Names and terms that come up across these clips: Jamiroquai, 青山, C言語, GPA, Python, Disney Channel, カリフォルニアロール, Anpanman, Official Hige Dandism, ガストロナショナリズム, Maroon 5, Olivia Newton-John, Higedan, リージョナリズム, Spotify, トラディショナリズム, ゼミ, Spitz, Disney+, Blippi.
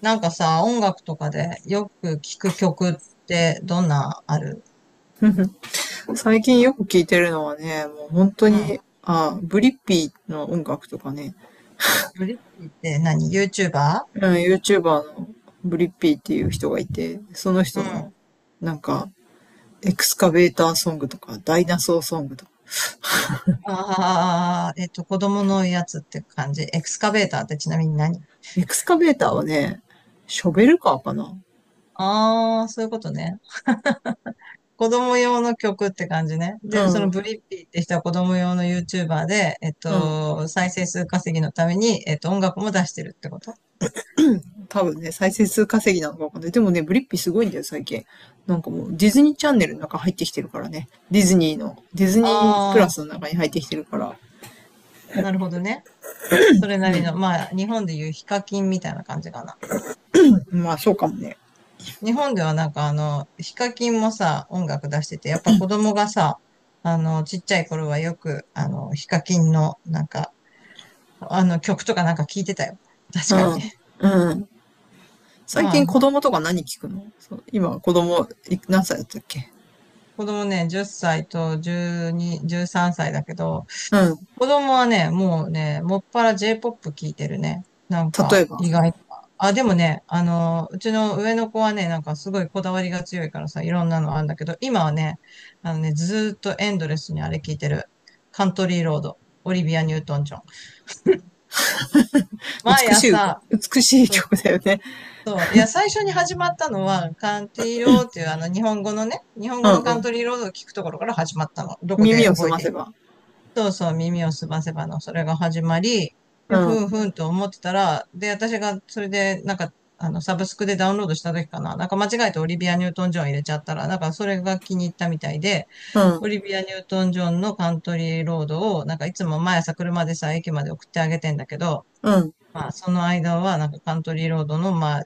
なんかさ、音楽とかでよく聴く曲ってどんなある？最近よく聴いてるのはね、もう本当うに、ん。あ、ブリッピーの音楽とかね、ヨリッピーって何？ YouTuber？ うん、YouTuber のブリッピーっていう人がいて、そのうん。人あの、なんか、エクスカベーターソングとか、ダイナソーソングとか。あ、子供のやつって感じ。エクスカベーターってちなみに何？エクスカベーターはね、ショベルカーかな。ああー、そういうことね。子供用の曲って感じね。うで、そのん、ブリッピーって人は子供用の YouTuber で、うん。再生数稼ぎのために、音楽も出してるってこと？多分ね、再生数稼ぎなのかわかんない。でもね、ブリッピーすごいんだよ、最近。なんかもう、ディズニーチャンネルの中入ってきてるからね。ディズニーの、ディズニープラあスあの中に入ってきてるから。ー、なるほどね。それなりの、まあ、日本でいうヒカキンみたいな感じかな。まあ、そうかもね。日本ではヒカキンもさ、音楽出してて、やっぱ子供がさ、ちっちゃい頃はよく、ヒカキンの、あの曲とかなんか聞いてたよ。確うかに。ん。うん。最近ま子あ、供とか何聞くの？そう、今子供い何歳だったっけ？子供ね、10歳と12、13歳だけど、うん。子供はね、もうね、もっぱら J-POP 聞いてるね。なん例か、えば、意外と。あ、でもね、うちの上の子はね、なんかすごいこだわりが強いからさ、いろんなのあるんだけど、今はね、ずーっとエンドレスにあれ聞いてる。カントリーロード、オリビア・ニュートン・ジョン。毎美しい歌、朝、美しいそう曲だよね。そう、いや、最初に始まったのは、カントリーロードっていうあの日本語のね、日本う語のんカうンん。トリーロードを聞くところから始まったの。どこで耳を覚澄えませて？ば。そうそう、耳をすませばの、それが始まり、で、うふん。んふんと思ってたら、で、私がそれで、サブスクでダウンロードした時かな、なんか間違えてオリビア・ニュートン・ジョン入れちゃったら、なんかそれが気に入ったみたいで、うん。オリビア・ニュートン・ジョンのカントリーロードを、なんかいつも毎朝車でさ、駅まで送ってあげてんだけど、うん。まあ、その間は、なんかカントリーロードの、まあ、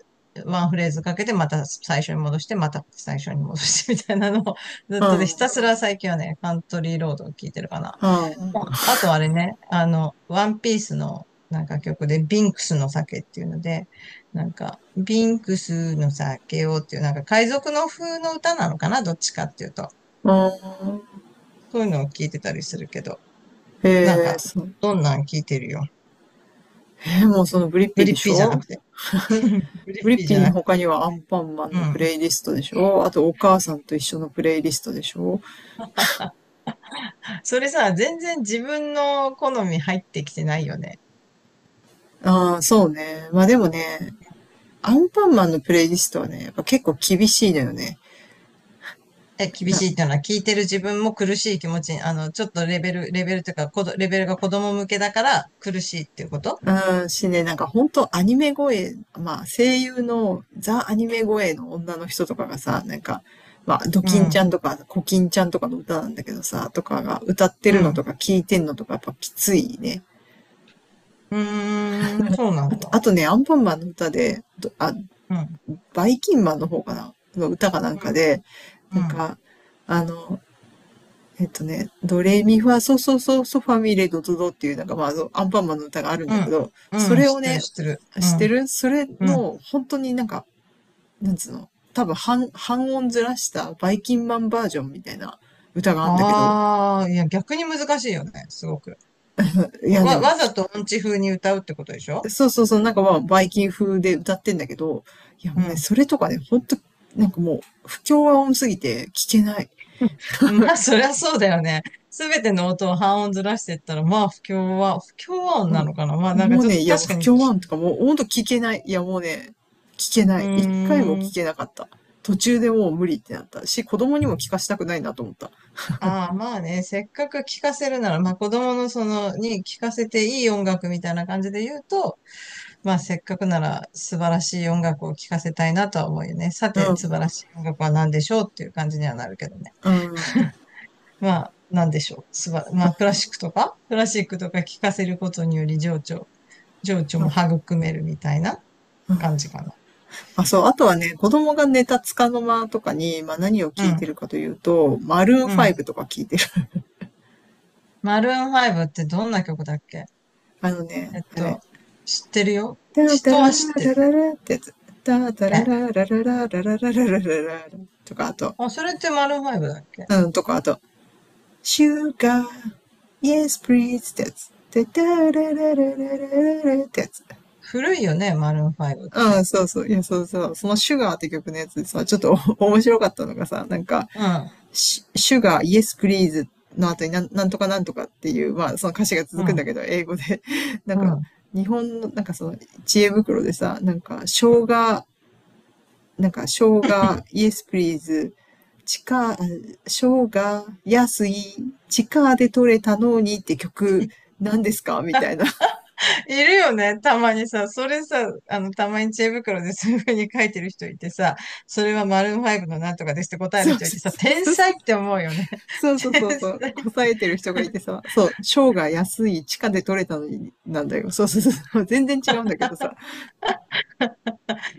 ワンフレーズかけて、また最初に戻して、また最初に戻してみたいなのを、ずうっとね、ひん。たすら最近はね、カントリーロードを聞いてるかな。うん。うああとあれね、ワンピースのなんか曲で、ビンクスの酒っていうので、なんか、ビンクスの酒をっていう、なんか海賊の風の歌なのかな、どっちかっていうと。ん。そういうのを聞いてたりするけど、なんえー、か、そう。どんなん聞いてるよ。もうそのブリッピグーリでッしピーじゃなょ？くて。グリブッリピッーじピゃーのなく他て。にはアンパンマンうのプん。レイリストでしょ？あとお母さんと一緒のプレイリストでしょ？それさ、全然自分の好み入ってきてないよね。ああー、そうね。まあでもね、アンパンマンのプレイリストはね、やっぱ結構厳しいのよね。え、厳な、しいっていうのは聞いてる自分も苦しい気持ちに、ちょっとレベルというか、レベルが子供向けだから苦しいっていうこと？うん、しね、なんか本当アニメ声、まあ声優のザ・アニメ声の女の人とかがさ、なんか、まあドうキンちゃん、んとかコキンちゃんとかの歌なんだけどさ、とかが歌ってうるのとん、か聞いてんのとかやっぱきついね。うーん、そうなあんと、だ。あとね、アンパンマンの歌で、うん、バイキンマンの方かなの歌かなんうかん、で、なんうん、か、あの、ドレミファソソソソファミレドドドっていうなんかまああのアンパンマンの歌があるんうだん、けど、そうん、れ知をってる、ね、知ってる。う知っん、てるそれうん。の本当になんか、なんつうの、多分半音ずらしたバイキンマンバージョンみたいな歌があるんだけど、ああ、いや、逆に難しいよね、すごく。いやでも、わざと音痴風に歌うってことでしょ？そうそうそう、なんかまあバイキン風で歌ってんだけど、いやうもうね、ん。それとかね、本当なんかもう不協和音すぎて聞けない。まあ、そりゃそうだよね。すべての音を半音ずらしていったら、まあ、不協和音なものかな。まあ、うん。なんかもうちょっね、といやもう確か不に、協和音とかもうほんと聞けない。いやもうね、聞けなうい。一回もーん。聞けなかった。途中でもう無理ってなったし、子供にも聞かしたくないなと思った。ああ、まあね、せっかく聴かせるなら、まあ子供のその、に聴かせていい音楽みたいな感じで言うと、まあ、せっかくなら素晴らしい音楽を聴かせたいなとは思うよね。さうて、ん。素晴らしい音楽は何でしょうっていう感じにはなるけどね。うん。まあ、何でしょう。まあ、クラシックとか聴かせることにより情緒、情緒も育めるみたいな感じかな。あ、そう。あとはね、子供が寝た束の間とかに、まあ何をう聞いてん、るかというと、マルーンうん。5とか聞いてる。マルーン5ってどんな曲だっけ？あのえね、っあれ。と、知ってるよ。ダーダ人ララは知ってラる。ララってやつ。ダーダラえ？ララララララララララとか、あと、あ、それってマルーン5だっけ？うん、とか、あと、シュガーイ yes please ってやつ。てたららららららってやつ。古いよね、マルーン5っうん、て。そうそう。いや、そうそう。そのシュガーって曲のやつでさ、ちょっと 面白かったのがさ、なんか、うん、シュガー、イエスプリーズの後になんとかなんとかっていう、まあ、その歌詞がう続くんん、だけど、英語で。なんうか、ん。日本の、なんかその、知恵袋でさ、なんか、う生ん、姜、なんか、生姜、イエスプリーズ地下、生姜、安い、地下で取れたのにって曲、何ですかみたいな。いるよね。たまにさ、それさ、あの、たまに知恵袋で そういう風に書いてる人いてさ、それはマルーンファイブのなんとかですって答えるそう人いそてさ、う天そうそ才っう。て思うよね。そ うそう天そうそう。才っこさて。えてる人がいてさ、そう、生姜安い、地下で取れたのになんだよ。そうそうそう。全然違うんだけどさ。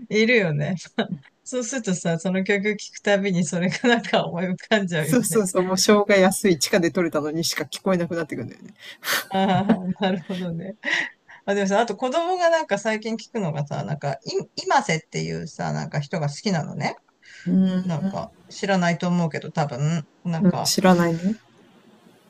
いるよね。そうするとさ、その曲聴くたびにそれがなんか思い浮かんじゃうよそうそね。うそう。もう生姜安い、地下で取れたのにしか聞こえなくなってくるんだよね。ああ、なるほどね。あ、でもさ、あと子供がなんか最近聞くのがさ、今瀬っていうさ、なんか人が好きなのね。うん。なんか、知らないと思うけど、多分、なうんん、か、知らないね。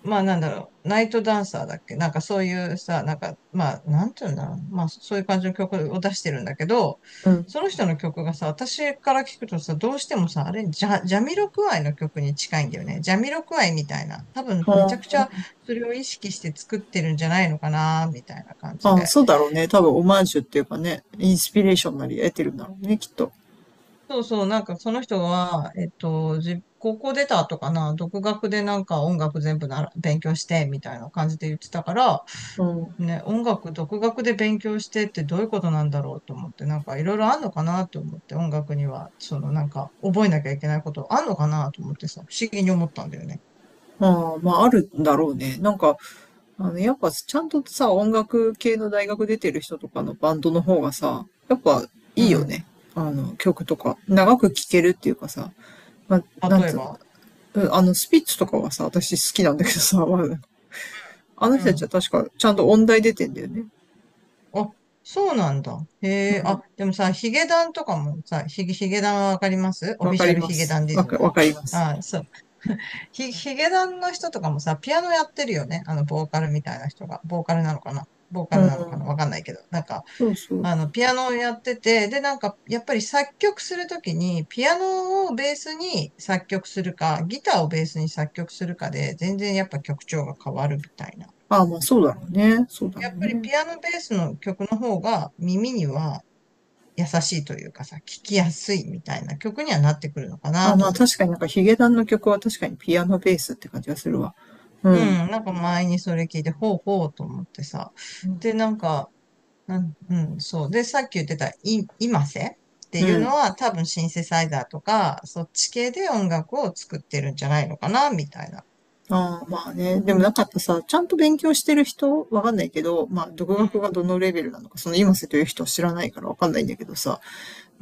まあなんだろう、ナイトダンサーだっけ、なんかそういうさ、なんか、まあ、なんていうんだろう。まあそういう感じの曲を出してるんだけど、うん。その人の曲がさ、私から聞くとさ、どうしてもさ、あれ、ジャ、ジャミロクワイの曲に近いんだよね。ジャミロクワイみたいな。多分めちゃほくちんゃそれを意識して作ってるんじゃないのかな、みたいな感じああ、で。そうだろうね。多分オマージュっていうかね、インスピレーションなり得てるんだろうね、きっと。そうそう、なんかその人は、高校出た後かな、独学でなんか音楽全部なら勉強して、みたいな感じで言ってたから、うん。あね、音楽独学で勉強してってどういうことなんだろうと思って、なんかいろいろあんのかなと思って、音楽には、そのなんか覚えなきゃいけないことあんのかなと思ってさ、不思議に思ったんだよね。あ、まあ、あるんだろうね。なんか、あの、やっぱちゃんとさ、音楽系の大学出てる人とかのバンドの方がさ、やっぱういいよん。ね。あの、曲とか。長く聴けるっていうかさ、まあ、なん例えつうば。の、うん、スピッツとかはさ、私好きなんだけどさ、まああのう人たちはん。確かちゃんと音大出てんだよね。あ、そうなんだ。へうえ、あ、ん。でもさ、ヒゲダンはわかります、オわフィかシャりルまヒゲす。ダンディわズム。か、わかります。あ、そう。ヒゲダンの人とかもさ、ピアノやってるよね。あの、ボーカルみたいな人が。ボーカルなのかな？ボーカうルなのかなん。わかんないけど。そうそう。ピアノをやってて、で、なんか、やっぱり作曲するときに、ピアノをベースに作曲するか、ギターをベースに作曲するかで、全然やっぱ曲調が変わるみたいな。ああ、まあそうだろうね。そうだろやっうぱりね。ピアノベースの曲の方が耳には優しいというかさ、聞きやすいみたいな曲にはなってくるのかああ、なまとあ思確かになんかヒゲダンの曲は確かにピアノベースって感じがするわ。うう。うん。ん、なんか前にそれ聞いて、ほうほうと思ってさ。で、なんか、うん、うん、そう。で、さっき言ってた、今瀬ってういうのん。は、多分シンセサイザーとか、そっち系で音楽を作ってるんじゃないのかな、みたいな。ああ、まあね。でもなんかやっぱさ、ちゃんと勉強してる人、わかんないけど、まあ、独うん、学がどのレベルなのか、その今瀬という人は知らないからわかんないんだけどさ、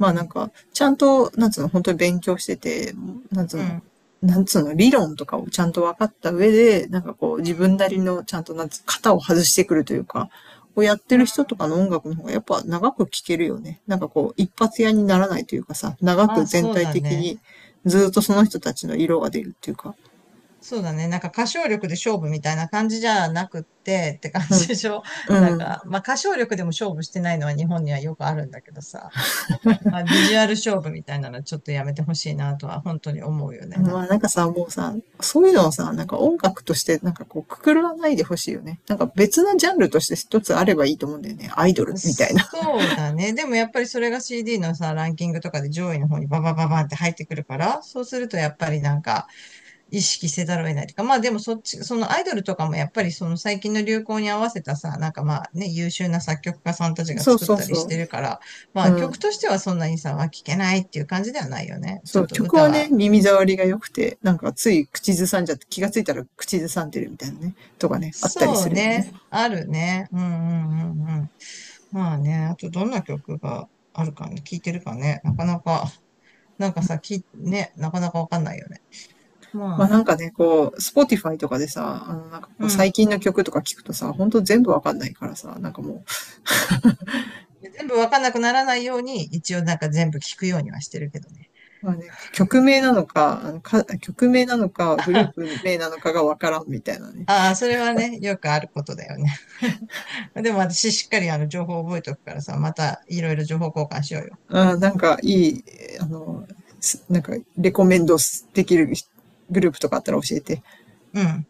うあなんん、か、ちゃんと、なんつうの、本当に勉強してて、なんつううの、ん、なんつうの、理論とかをちゃんと分かった上で、なんかこう、自分なりの、ちゃんと、なんつう、型を外してくるというか、をやってうん。うるん、人とかの音楽の方がやっぱ長く聴けるよね。なんかこう、一発屋にならないというかさ、長まくあ、全そう体だ的ね。にずっとその人たちの色が出るっていうか、そうだね。なんか歌唱力で勝負みたいな感じじゃなくってって感うじん。でしょ。なんうん。か、まあ歌唱力でも勝負してないのは日本にはよくあるんだけどさ。まあビジュアル勝負みたいなのはちょっとやめてほしいなとは本当に思うよね。なんまあなんか。かさ、もうさ、そういうのをさ、なんか音楽としてなんかこうくくらないでほしいよね。なんか別のジャンルとして一つあればいいと思うんだよね。アイドルみたいな。そうだね。でもやっぱりそれが CD のさ、ランキングとかで上位の方にバババババンって入ってくるから、そうするとやっぱりなんか意識せざるを得ないというか、まあでもそっち、そのアイドルとかもやっぱりその最近の流行に合わせたさ、なんかまあね、優秀な作曲家さんたち がそう作っそうたりしそてるから、まう。うあ曲ん。としてはそんなにさ、は聴けないっていう感じではないよね。ちそょっう、と曲歌はね、は。耳障りが良くて、なんかつい口ずさんじゃって、気がついたら口ずさんでるみたいなね、とかね、あったりそすうるよね。ね。あるね。うん、うん、うん、うん。まあね、あとどんな曲があるかね、聴いてるかね、なかなか。なんかさ、き、ね、なかなかわかんないよね。まあまあ、なんかね、こう、Spotify とかでさ、あのなんかこううん。最近の曲とか聞くとさ、ほんと全部わかんないからさ、なんかもう全部わかんなくならないように、一応なんか全部聞くようにはしてるけどね。まあね、曲名なのか、あのか、曲名なのか、グループ名なのかがわからんみたいなね。ああ、それはね、よくあることだよね。でも私しっかりあの情報を覚えておくからさ、またいろいろ情報交換しようよ。あー、なんかいい、あの、すなんかレコメンドできるグループとかあったら教えて。うん。